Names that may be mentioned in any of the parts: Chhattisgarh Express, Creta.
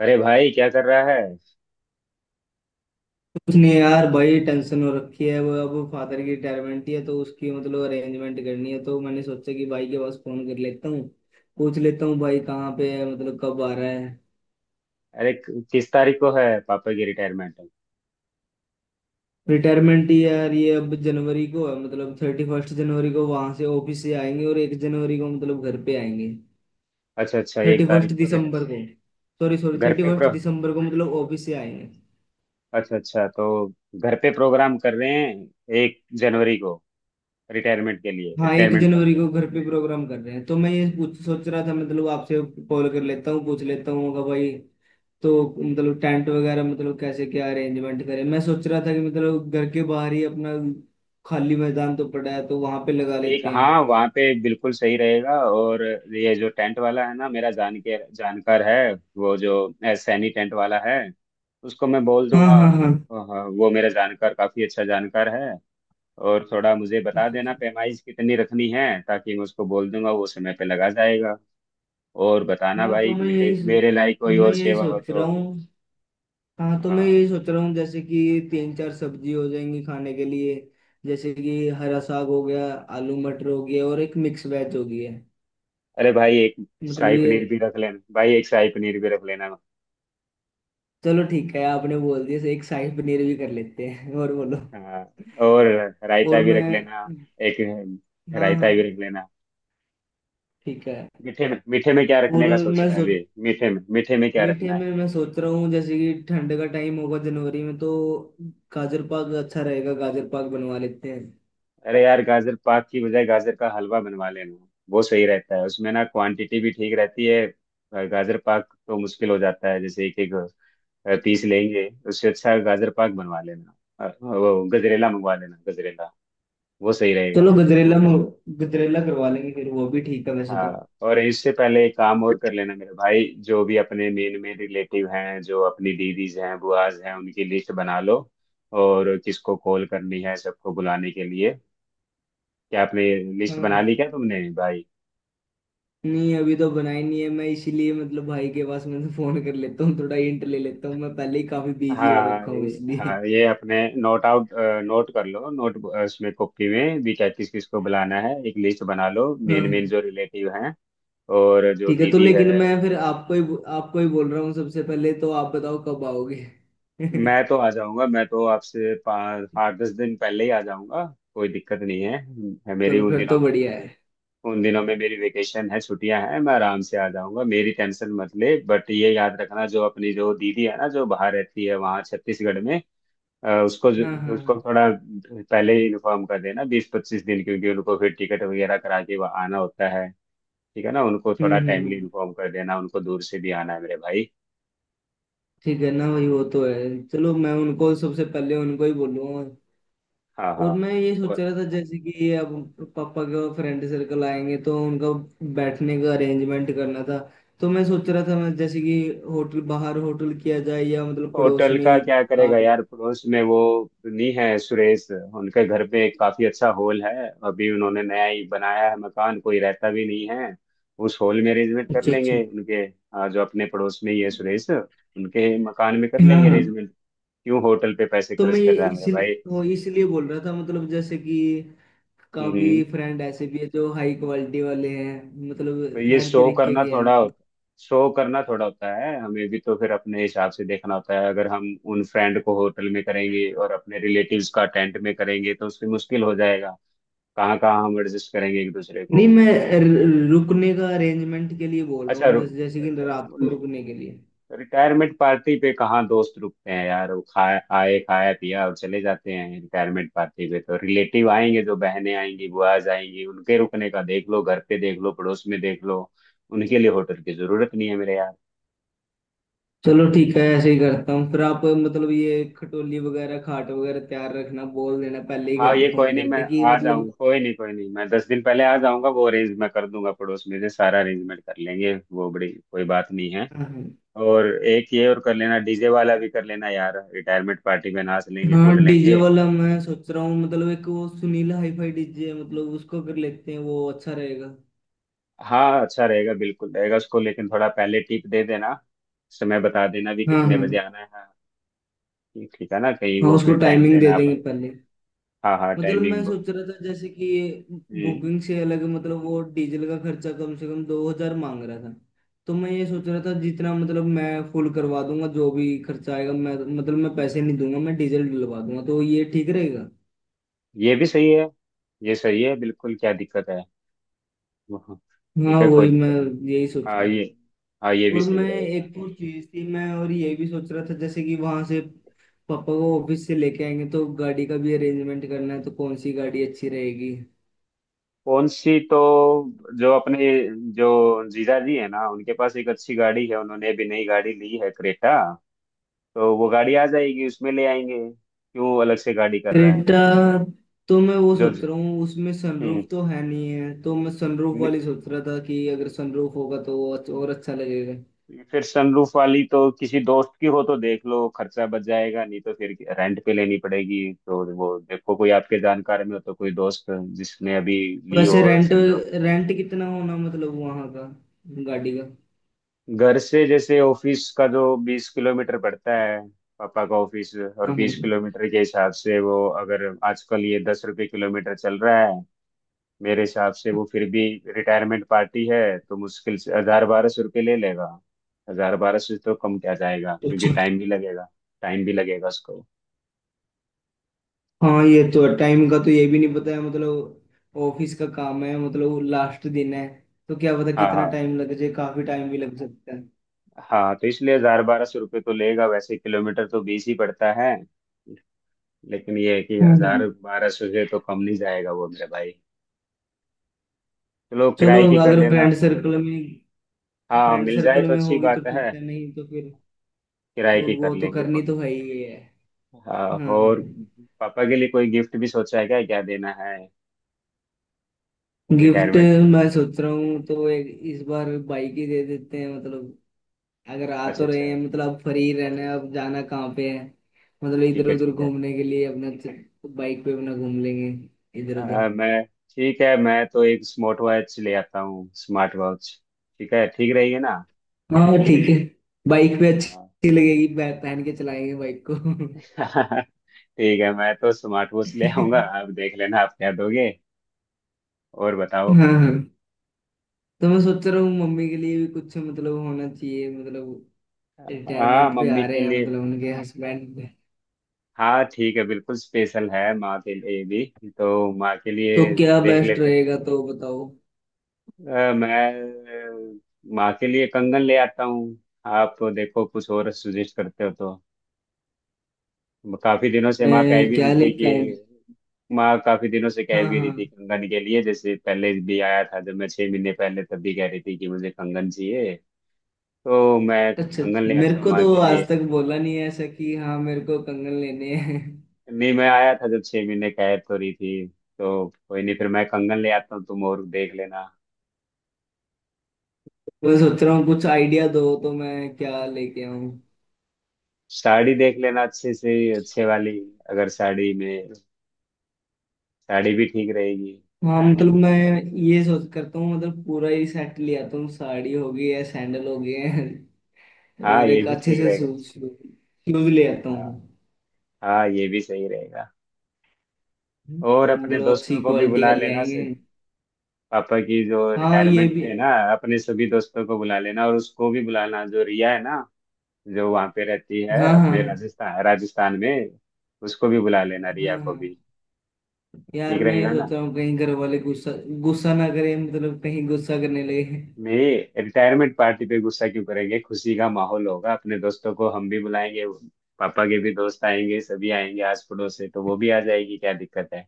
अरे भाई क्या कर रहा है। उसने यार बड़ी टेंशन हो रखी है। वो अब फादर की रिटायरमेंट है तो उसकी मतलब अरेंजमेंट करनी है, तो मैंने सोचा कि भाई के पास फोन कर लेता हूँ, पूछ लेता हूँ भाई कहाँ पे है, मतलब कब आ रहा है। अरे किस तारीख को है पापा की रिटायरमेंट। रिटायरमेंट यार ये अब जनवरी को है, मतलब 31 जनवरी को वहां से ऑफिस से आएंगे और 1 जनवरी को मतलब घर पे आएंगे। अच्छा अच्छा, एक थर्टी फर्स्ट तारीख को रिटायर। दिसंबर को। सॉरी सॉरी, घर थर्टी पे फर्स्ट प्रो दिसंबर को मतलब ऑफिस से आएंगे। अच्छा अच्छा, तो घर पे प्रोग्राम कर रहे हैं 1 जनवरी को, रिटायरमेंट के लिए, हाँ, एक रिटायरमेंट जनवरी पार्टी। को घर पे प्रोग्राम कर रहे हैं, तो मैं ये पूछ सोच रहा था मतलब आपसे, कॉल कर लेता हूँ पूछ लेता हूँ होगा भाई। तो मतलब टेंट वगैरह मतलब कैसे क्या अरेंजमेंट करें। मैं सोच रहा था कि मतलब घर के बाहर ही अपना खाली मैदान तो पड़ा है, तो वहां पे लगा ठीक, लेते हैं। हाँ वहाँ पे बिल्कुल सही रहेगा। और ये जो टेंट वाला है ना, मेरा जान के जानकार है, वो जो सैनी टेंट वाला है, उसको मैं बोल हाँ दूंगा। हाँ हाँ। हाँ, हाँ, वो मेरा जानकार, काफी अच्छा जानकार है। और थोड़ा मुझे बता अच्छा देना अच्छा। पैमाइश कितनी रखनी है, ताकि मैं उसको बोल दूंगा, वो समय पे लगा जाएगा। और बताना हाँ तो भाई, मैं मेरे मेरे लायक कोई मैं और यही सेवा हो सोच रहा तो। हूँ। हाँ तो मैं हाँ। यही सोच रहा हूँ जैसे कि तीन चार सब्जी हो जाएंगी खाने के लिए। जैसे कि हरा साग हो गया, आलू मटर हो गया और एक मिक्स वेज हो गई है। अरे भाई एक मतलब शाही ये। पनीर भी रख लेना भाई, एक शाही पनीर भी रख लेना। चलो ठीक है, आपने बोल दिया, एक शाही पनीर भी कर लेते हैं। और बोलो। हाँ। और रायता और भी रख मैं। लेना, एक हाँ रायता हाँ। भी रख लेना। ठीक है। मीठे में, मीठे में क्या और रखने का मैं सोचा है? सोच अभी मीठे में, मीठे में क्या मीठे रखना है? में मैं सोच रहा हूँ जैसे कि ठंड का टाइम होगा जनवरी में, तो गाजर पाक अच्छा रहेगा, गाजर पाक बनवा लेते हैं। अरे यार, गाजर पाक की बजाय गाजर का हलवा बनवा लेना, वो सही रहता है, उसमें ना क्वांटिटी भी ठीक रहती है। गाजर पाक तो मुश्किल हो जाता है, जैसे एक एक पीस लेंगे, उससे अच्छा गाजर पाक बनवा लेना। वो गजरेला मंगवा लेना, गजरेला वो सही रहेगा। चलो गजरेला में, गजरेला करवा लेंगे फिर, वो भी ठीक है वैसे तो। हाँ, और इससे पहले एक काम और कर लेना मेरे भाई। जो भी अपने मेन मेन रिलेटिव हैं, जो अपनी दीदीज हैं, बुआज हैं, उनकी लिस्ट बना लो, और किसको कॉल करनी है सबको बुलाने के लिए। क्या आपने हाँ लिस्ट बना ली? हाँ। क्या तुमने भाई? नहीं अभी तो बनाई नहीं है, मैं इसीलिए मतलब भाई के पास मैं फोन कर लेता हूँ, थोड़ा हिंट ले लेता हूँ। मैं पहले ही काफी बिजी हो रखा हूँ इसलिए। हाँ ये अपने, नोट आउट नोट कर लो, नोट। उसमें कॉपी में भी क्या किस किस को बुलाना है, एक लिस्ट बना लो, हाँ मेन मेन हाँ। जो रिलेटिव हैं। और जो ठीक है, तो दीदी है। लेकिन मैं फिर आपको ही बोल रहा हूँ सबसे पहले। तो आप बताओ कब आओगे। मैं तो आ जाऊंगा, मैं तो आपसे 5 8 10 दिन पहले ही आ जाऊंगा। कोई दिक्कत नहीं है मेरी चलो उन फिर दिनों तो में, बढ़िया है। उन दिनों में मेरी वेकेशन है, छुट्टियां हैं, मैं आराम से आ जाऊंगा, मेरी टेंशन मत ले। बट ये याद रखना, जो अपनी जो दीदी है ना, जो बाहर रहती है वहाँ छत्तीसगढ़ में, अ, उसको जो- हाँ हाँ उसको हाँ। थोड़ा पहले ही इन्फॉर्म कर देना, 20 25 दिन, क्योंकि उनको फिर टिकट वगैरह करा के वहाँ आना होता है। ठीक है ना, उनको हम्म थोड़ा टाइमली हम्म, इन्फॉर्म कर देना, उनको दूर से भी आना है मेरे भाई। ठीक है ना भाई, और, वो तो है। चलो मैं उनको सबसे पहले उनको ही बोलूंगा। हाँ हाँ। और मैं ये सोच और रहा था जैसे कि ये अब पापा के फ्रेंड सर्कल आएंगे, तो उनका बैठने का अरेंजमेंट करना था। तो मैं सोच रहा था मैं जैसे कि होटल, बाहर होटल किया जाए या मतलब पड़ोस होटल में का ही। क्या आ, करेगा यार, पड़ोस में वो नहीं है सुरेश, उनके घर पे एक काफी अच्छा हॉल है, अभी उन्होंने नया ही बनाया है मकान, कोई रहता भी नहीं है, उस हॉल में अरेंजमेंट कर अच्छा अच्छा। लेंगे उनके। हाँ, जो अपने पड़ोस में ही है सुरेश, उनके मकान में कर हाँ लेंगे हाँ। अरेंजमेंट। क्यों होटल पे पैसे तो मैं खर्च ये कर रहा है मेरा इसलिए भाई? वो इसलिए बोल रहा था मतलब जैसे कि काफी हम्म। फ्रेंड ऐसे भी है जो हाई क्वालिटी वाले हैं, तो मतलब ये हर शो तरीके करना के थोड़ा हैं। होता शो करना थोड़ा होता है हमें भी, तो फिर अपने हिसाब से देखना होता है, अगर हम उन फ्रेंड को होटल में करेंगे और अपने रिलेटिव्स का टेंट में करेंगे तो उसमें मुश्किल हो जाएगा, कहाँ कहाँ हम एडजस्ट करेंगे एक दूसरे नहीं को। मैं रुकने का अरेंजमेंट के लिए बोल रहा अच्छा। हूँ, जैसे जैसे कि रात को रुकने के लिए। रिटायरमेंट पार्टी पे कहाँ दोस्त रुकते हैं यार, वो खाए आए, खाया पिया और चले जाते हैं। रिटायरमेंट पार्टी पे तो रिलेटिव आएंगे, जो बहनें आएंगी, बुआज आएंगी, उनके रुकने का देख लो, घर पे देख लो, पड़ोस में देख लो, उनके लिए होटल की जरूरत नहीं है मेरे यार। चलो ठीक है, ऐसे ही करता हूँ फिर। आप मतलब ये खटोली वगैरह खाट वगैरह तैयार रखना, बोल देना पहले ही हाँ, घर पे ये कोई फोन नहीं, मैं करके कि आ जाऊंगा, मतलब। कोई नहीं, कोई नहीं, मैं 10 दिन पहले आ जाऊंगा, वो अरेंज मैं कर दूंगा, पड़ोस में से सारा अरेंजमेंट कर लेंगे, वो बड़ी कोई बात नहीं है। हाँ और एक ये और कर लेना, डीजे वाला भी कर लेना यार, रिटायरमेंट पार्टी में नाच लेंगे, हाँ। कूद डीजे लेंगे। वाला मैं सोच रहा हूँ, मतलब एक वो सुनील हाईफाई डीजे, मतलब उसको कर लेते हैं, वो अच्छा रहेगा। हाँ, अच्छा रहेगा, बिल्कुल रहेगा, उसको लेकिन थोड़ा पहले टिप दे देना, समय बता देना भी हाँ कितने बजे हाँ आना है, हाँ। ठीक, ठीक है ना, कहीं हाँ। वो उसको फिर टाइम टाइमिंग पे दे ना आप। देंगे पहले। हाँ हाँ, मतलब मैं टाइमिंग। सोच रहा था जैसे कि ये हम्म, बुकिंग से अलग, मतलब वो डीजल का खर्चा कम से कम 2000 मांग रहा था। तो मैं ये सोच रहा था जितना मतलब मैं फुल करवा दूंगा, जो भी खर्चा आएगा, मैं मतलब मैं पैसे नहीं दूंगा, मैं डीजल डलवा दूंगा, तो ये ठीक रहेगा। ये भी सही है, ये सही है बिल्कुल, क्या दिक्कत है, हाँ, ठीक हाँ है, कोई वही मैं दिक्कत नहीं। यही सोच हाँ रहा ये, था। हाँ ये भी और मैं सही रहेगा। एक और चीज थी, मैं और ये भी सोच रहा था जैसे कि वहां से पापा को ऑफिस से लेके आएंगे, तो गाड़ी का भी अरेंजमेंट करना है, तो कौन सी गाड़ी अच्छी रहेगी। कौन सी, तो जो अपने, जो जीजा जी है ना, उनके पास एक अच्छी गाड़ी है, उन्होंने अभी नई गाड़ी ली है क्रेटा, तो वो गाड़ी आ जाएगी, उसमें ले आएंगे, क्यों अलग से गाड़ी कर रहा है? क्रेटा, तो मैं वो जो सोच ज- रहा हूँ उसमें हम्म, सनरूफ तो है नहीं है, तो मैं सनरूफ नि- वाली सोच रहा था कि अगर सनरूफ होगा तो वो और अच्छा लगेगा। फिर सनरूफ वाली तो किसी दोस्त की हो तो देख लो, खर्चा बच जाएगा, नहीं तो फिर रेंट पे लेनी पड़ेगी, तो वो देखो कोई आपके जानकार में हो, तो कोई दोस्त जिसने अभी ली हो वैसे रेंट, सनरूफ। रेंट कितना होना मतलब वहाँ का गाड़ी का। घर से जैसे ऑफिस का जो 20 किलोमीटर पड़ता है, पापा का ऑफिस, और हाँ हाँ। 20 किलोमीटर के हिसाब से वो, अगर आजकल ये 10 रुपये किलोमीटर चल रहा है, मेरे हिसाब से वो फिर भी रिटायरमेंट पार्टी है, तो मुश्किल से 1000 1200 रुपये ले लेगा। 1000 1200 तो कम क्या जाएगा, क्योंकि अच्छा। टाइम भी लगेगा, टाइम भी लगेगा उसको। हाँ ये तो है, टाइम का तो ये भी नहीं पता है, मतलब ऑफिस का काम है, मतलब लास्ट दिन है तो क्या पता हाँ कितना हाँ, टाइम लग जाए, काफी टाइम भी लग सकता है। हाँ तो इसलिए 1000 1200 रुपये तो लेगा, वैसे किलोमीटर तो 20 ही पड़ता है, लेकिन ये है कि हम्म। 1000 1200 से तो कम नहीं जाएगा वो मेरे भाई। चलो चलो किराए की कर अगर लेना, फ्रेंड सर्कल में हाँ फ्रेंड मिल जाए सर्कल तो में अच्छी होगी तो बात है, ठीक है, नहीं तो फिर किराए तो की कर वो तो लेंगे करनी कोई नहीं। तो है ही है। हाँ, हाँ हाँ और हाँ। पापा के लिए कोई गिफ्ट भी सोचा है? क्या क्या देना है? गिफ्ट, रिटायरमेंट के। मैं सोच रहा हूँ तो एक इस बार बाइक ही दे देते हैं, मतलब अगर आ अच्छा तो अच्छा। रहे हैं, मतलब अब फ्री रहना है, अब जाना कहाँ पे है। मतलब ठीक इधर है उधर ठीक है। घूमने के लिए अपना बाइक पे अपना घूम लेंगे इधर उधर। आ, मैं ठीक है, मैं तो एक स्मार्ट वॉच ले आता हूँ, स्मार्ट वॉच, ठीक है, ठीक रहेगी ना? हाँ ठीक है। बाइक पे हाँ। अच्छी लगेगी, पहन के चलाएंगे बाइक को। ठीक है मैं तो स्मार्ट वॉच ले आऊंगा, आप देख लेना आप क्या दोगे। और बताओ। हाँ हाँ। तो मैं सोच रहा हूँ मम्मी के लिए भी कुछ मतलब होना चाहिए, मतलब हाँ रिटायरमेंट पे आ मम्मी के रहे हैं, लिए, मतलब उनके हस्बैंड। हाँ ठीक है, बिल्कुल स्पेशल है माँ के लिए भी, तो माँ के तो लिए क्या देख बेस्ट लेते रहेगा तो बताओ। हैं। माँ के लिए कंगन ले आता हूँ, आप देखो कुछ और सुजेस्ट करते हो तो। काफी दिनों से माँ कह मैं भी रही क्या थी लेके आए। कि, माँ काफी दिनों से कह हाँ भी रही थी हाँ। कंगन के लिए, जैसे पहले भी आया था जब मैं 6 महीने पहले, तब भी कह रही थी कि मुझे कंगन चाहिए, तो मैं अच्छा कंगन अच्छा, ले मेरे आता हूँ को माँ तो के आज लिए। तक बोला नहीं है ऐसा कि हाँ मेरे को कंगन लेने हैं। नहीं, मैं आया था जब 6 महीने, कह तो रही थी, तो कोई नहीं, फिर मैं कंगन ले आता हूँ तुम और देख लेना। मैं सोच रहा हूँ कुछ आइडिया दो तो मैं क्या लेके आऊँ। साड़ी देख लेना अच्छे से अच्छे वाली, अगर साड़ी में, साड़ी भी ठीक रहेगी। हाँ मतलब मैं ये सोच करता हूँ, मतलब पूरा ही सेट ले आता हूँ, साड़ी हो गई है, सैंडल हो गए हैं। हाँ और ये एक भी अच्छे ठीक से रहेगा। शूज शूज ले आता हाँ हूँ। हाँ ये भी सही रहेगा। और तो अपने मतलब अच्छी दोस्तों को भी क्वालिटी का बुला ले लेना, आएंगे। पापा की जो हाँ ये रिटायरमेंट भी। पे है ना, अपने सभी दोस्तों को बुला लेना, और उसको भी बुलाना जो रिया है ना, जो वहाँ पे रहती है हाँ अपने हाँ राजस्थान राजस्थान में, उसको भी बुला लेना हाँ। रिया को हाँ भी, यार ठीक मैं ये रहेगा सोच ना? रहा हूँ कहीं घर वाले गुस्सा गुस्सा ना करें, मतलब कहीं गुस्सा करने लगे। मेरे रिटायरमेंट पार्टी पे गुस्सा क्यों करेंगे, खुशी का माहौल होगा, अपने दोस्तों को हम भी बुलाएंगे, पापा के भी दोस्त आएंगे, सभी आएंगे आस पड़ोस से, तो वो भी आ जाएगी, क्या दिक्कत है।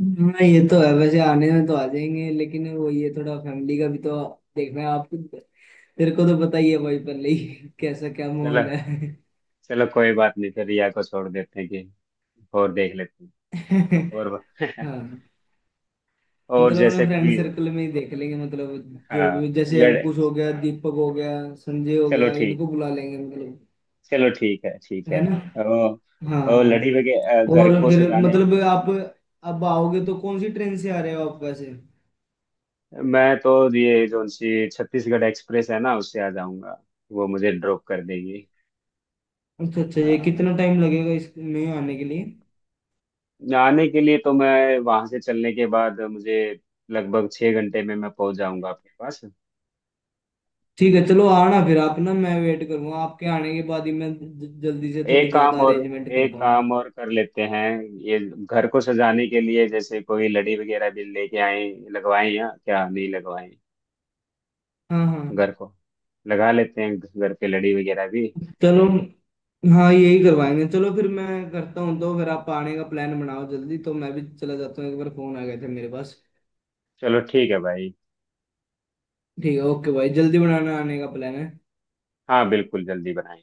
हाँ ये तो है, वैसे आने में तो आ जाएंगे, लेकिन वो ये थोड़ा फैमिली का भी तो देखना है आपको। तेरे को तो पता ही है भाई, पहले ही कैसा क्या चलो, माहौल है। चलो कोई बात नहीं, फिर रिया को छोड़ देते हैं कि, और देख लेते हैं। और हाँ, और मतलब अपने जैसे फ्रेंड कोई, सर्कल में ही देख लेंगे, मतलब जो हाँ भी जैसे लड़ अंकुश हो गया, दीपक हो गया, संजय हो चलो गया, ठीक, इनको बुला लेंगे मतलब। चलो ठीक है ठीक है है। ना। ओ, हाँ ओ हाँ। लड़ी वगैरह घर और को फिर सजाने। मतलब आप अब आओगे तो कौन सी ट्रेन से आ रहे हो आप वैसे। मैं तो ये जो उनसी छत्तीसगढ़ एक्सप्रेस है ना उससे आ जाऊंगा, वो मुझे ड्रॉप कर देगी। अच्छा अच्छा, ये हाँ, कितना टाइम लगेगा इसमें आने के लिए। जाने के लिए तो मैं वहां से चलने के बाद मुझे लगभग 6 घंटे में मैं पहुंच जाऊंगा आपके पास। ठीक है, चलो आना फिर आप ना। मैं वेट करूंगा आपके आने के बाद ही मैं जल्दी से थोड़ी एक काम ज्यादा और, अरेंजमेंट कर एक पाऊंगा। काम और कर लेते हैं, ये घर को सजाने के लिए जैसे कोई लड़ी वगैरह भी लेके आए, लगवाएं या क्या नहीं लगवाएं, हाँ हाँ। घर को लगा लेते हैं घर पे लड़ी वगैरह भी। चलो हाँ यही करवाएंगे, चलो फिर मैं करता हूँ तो फिर आप आने का प्लान बनाओ जल्दी, तो मैं भी चला जाता हूँ, एक बार फोन आ गए थे मेरे पास। चलो ठीक है भाई। ठीक है, ओके भाई जल्दी बनाना आने का प्लान है। हाँ बिल्कुल जल्दी बनाएं।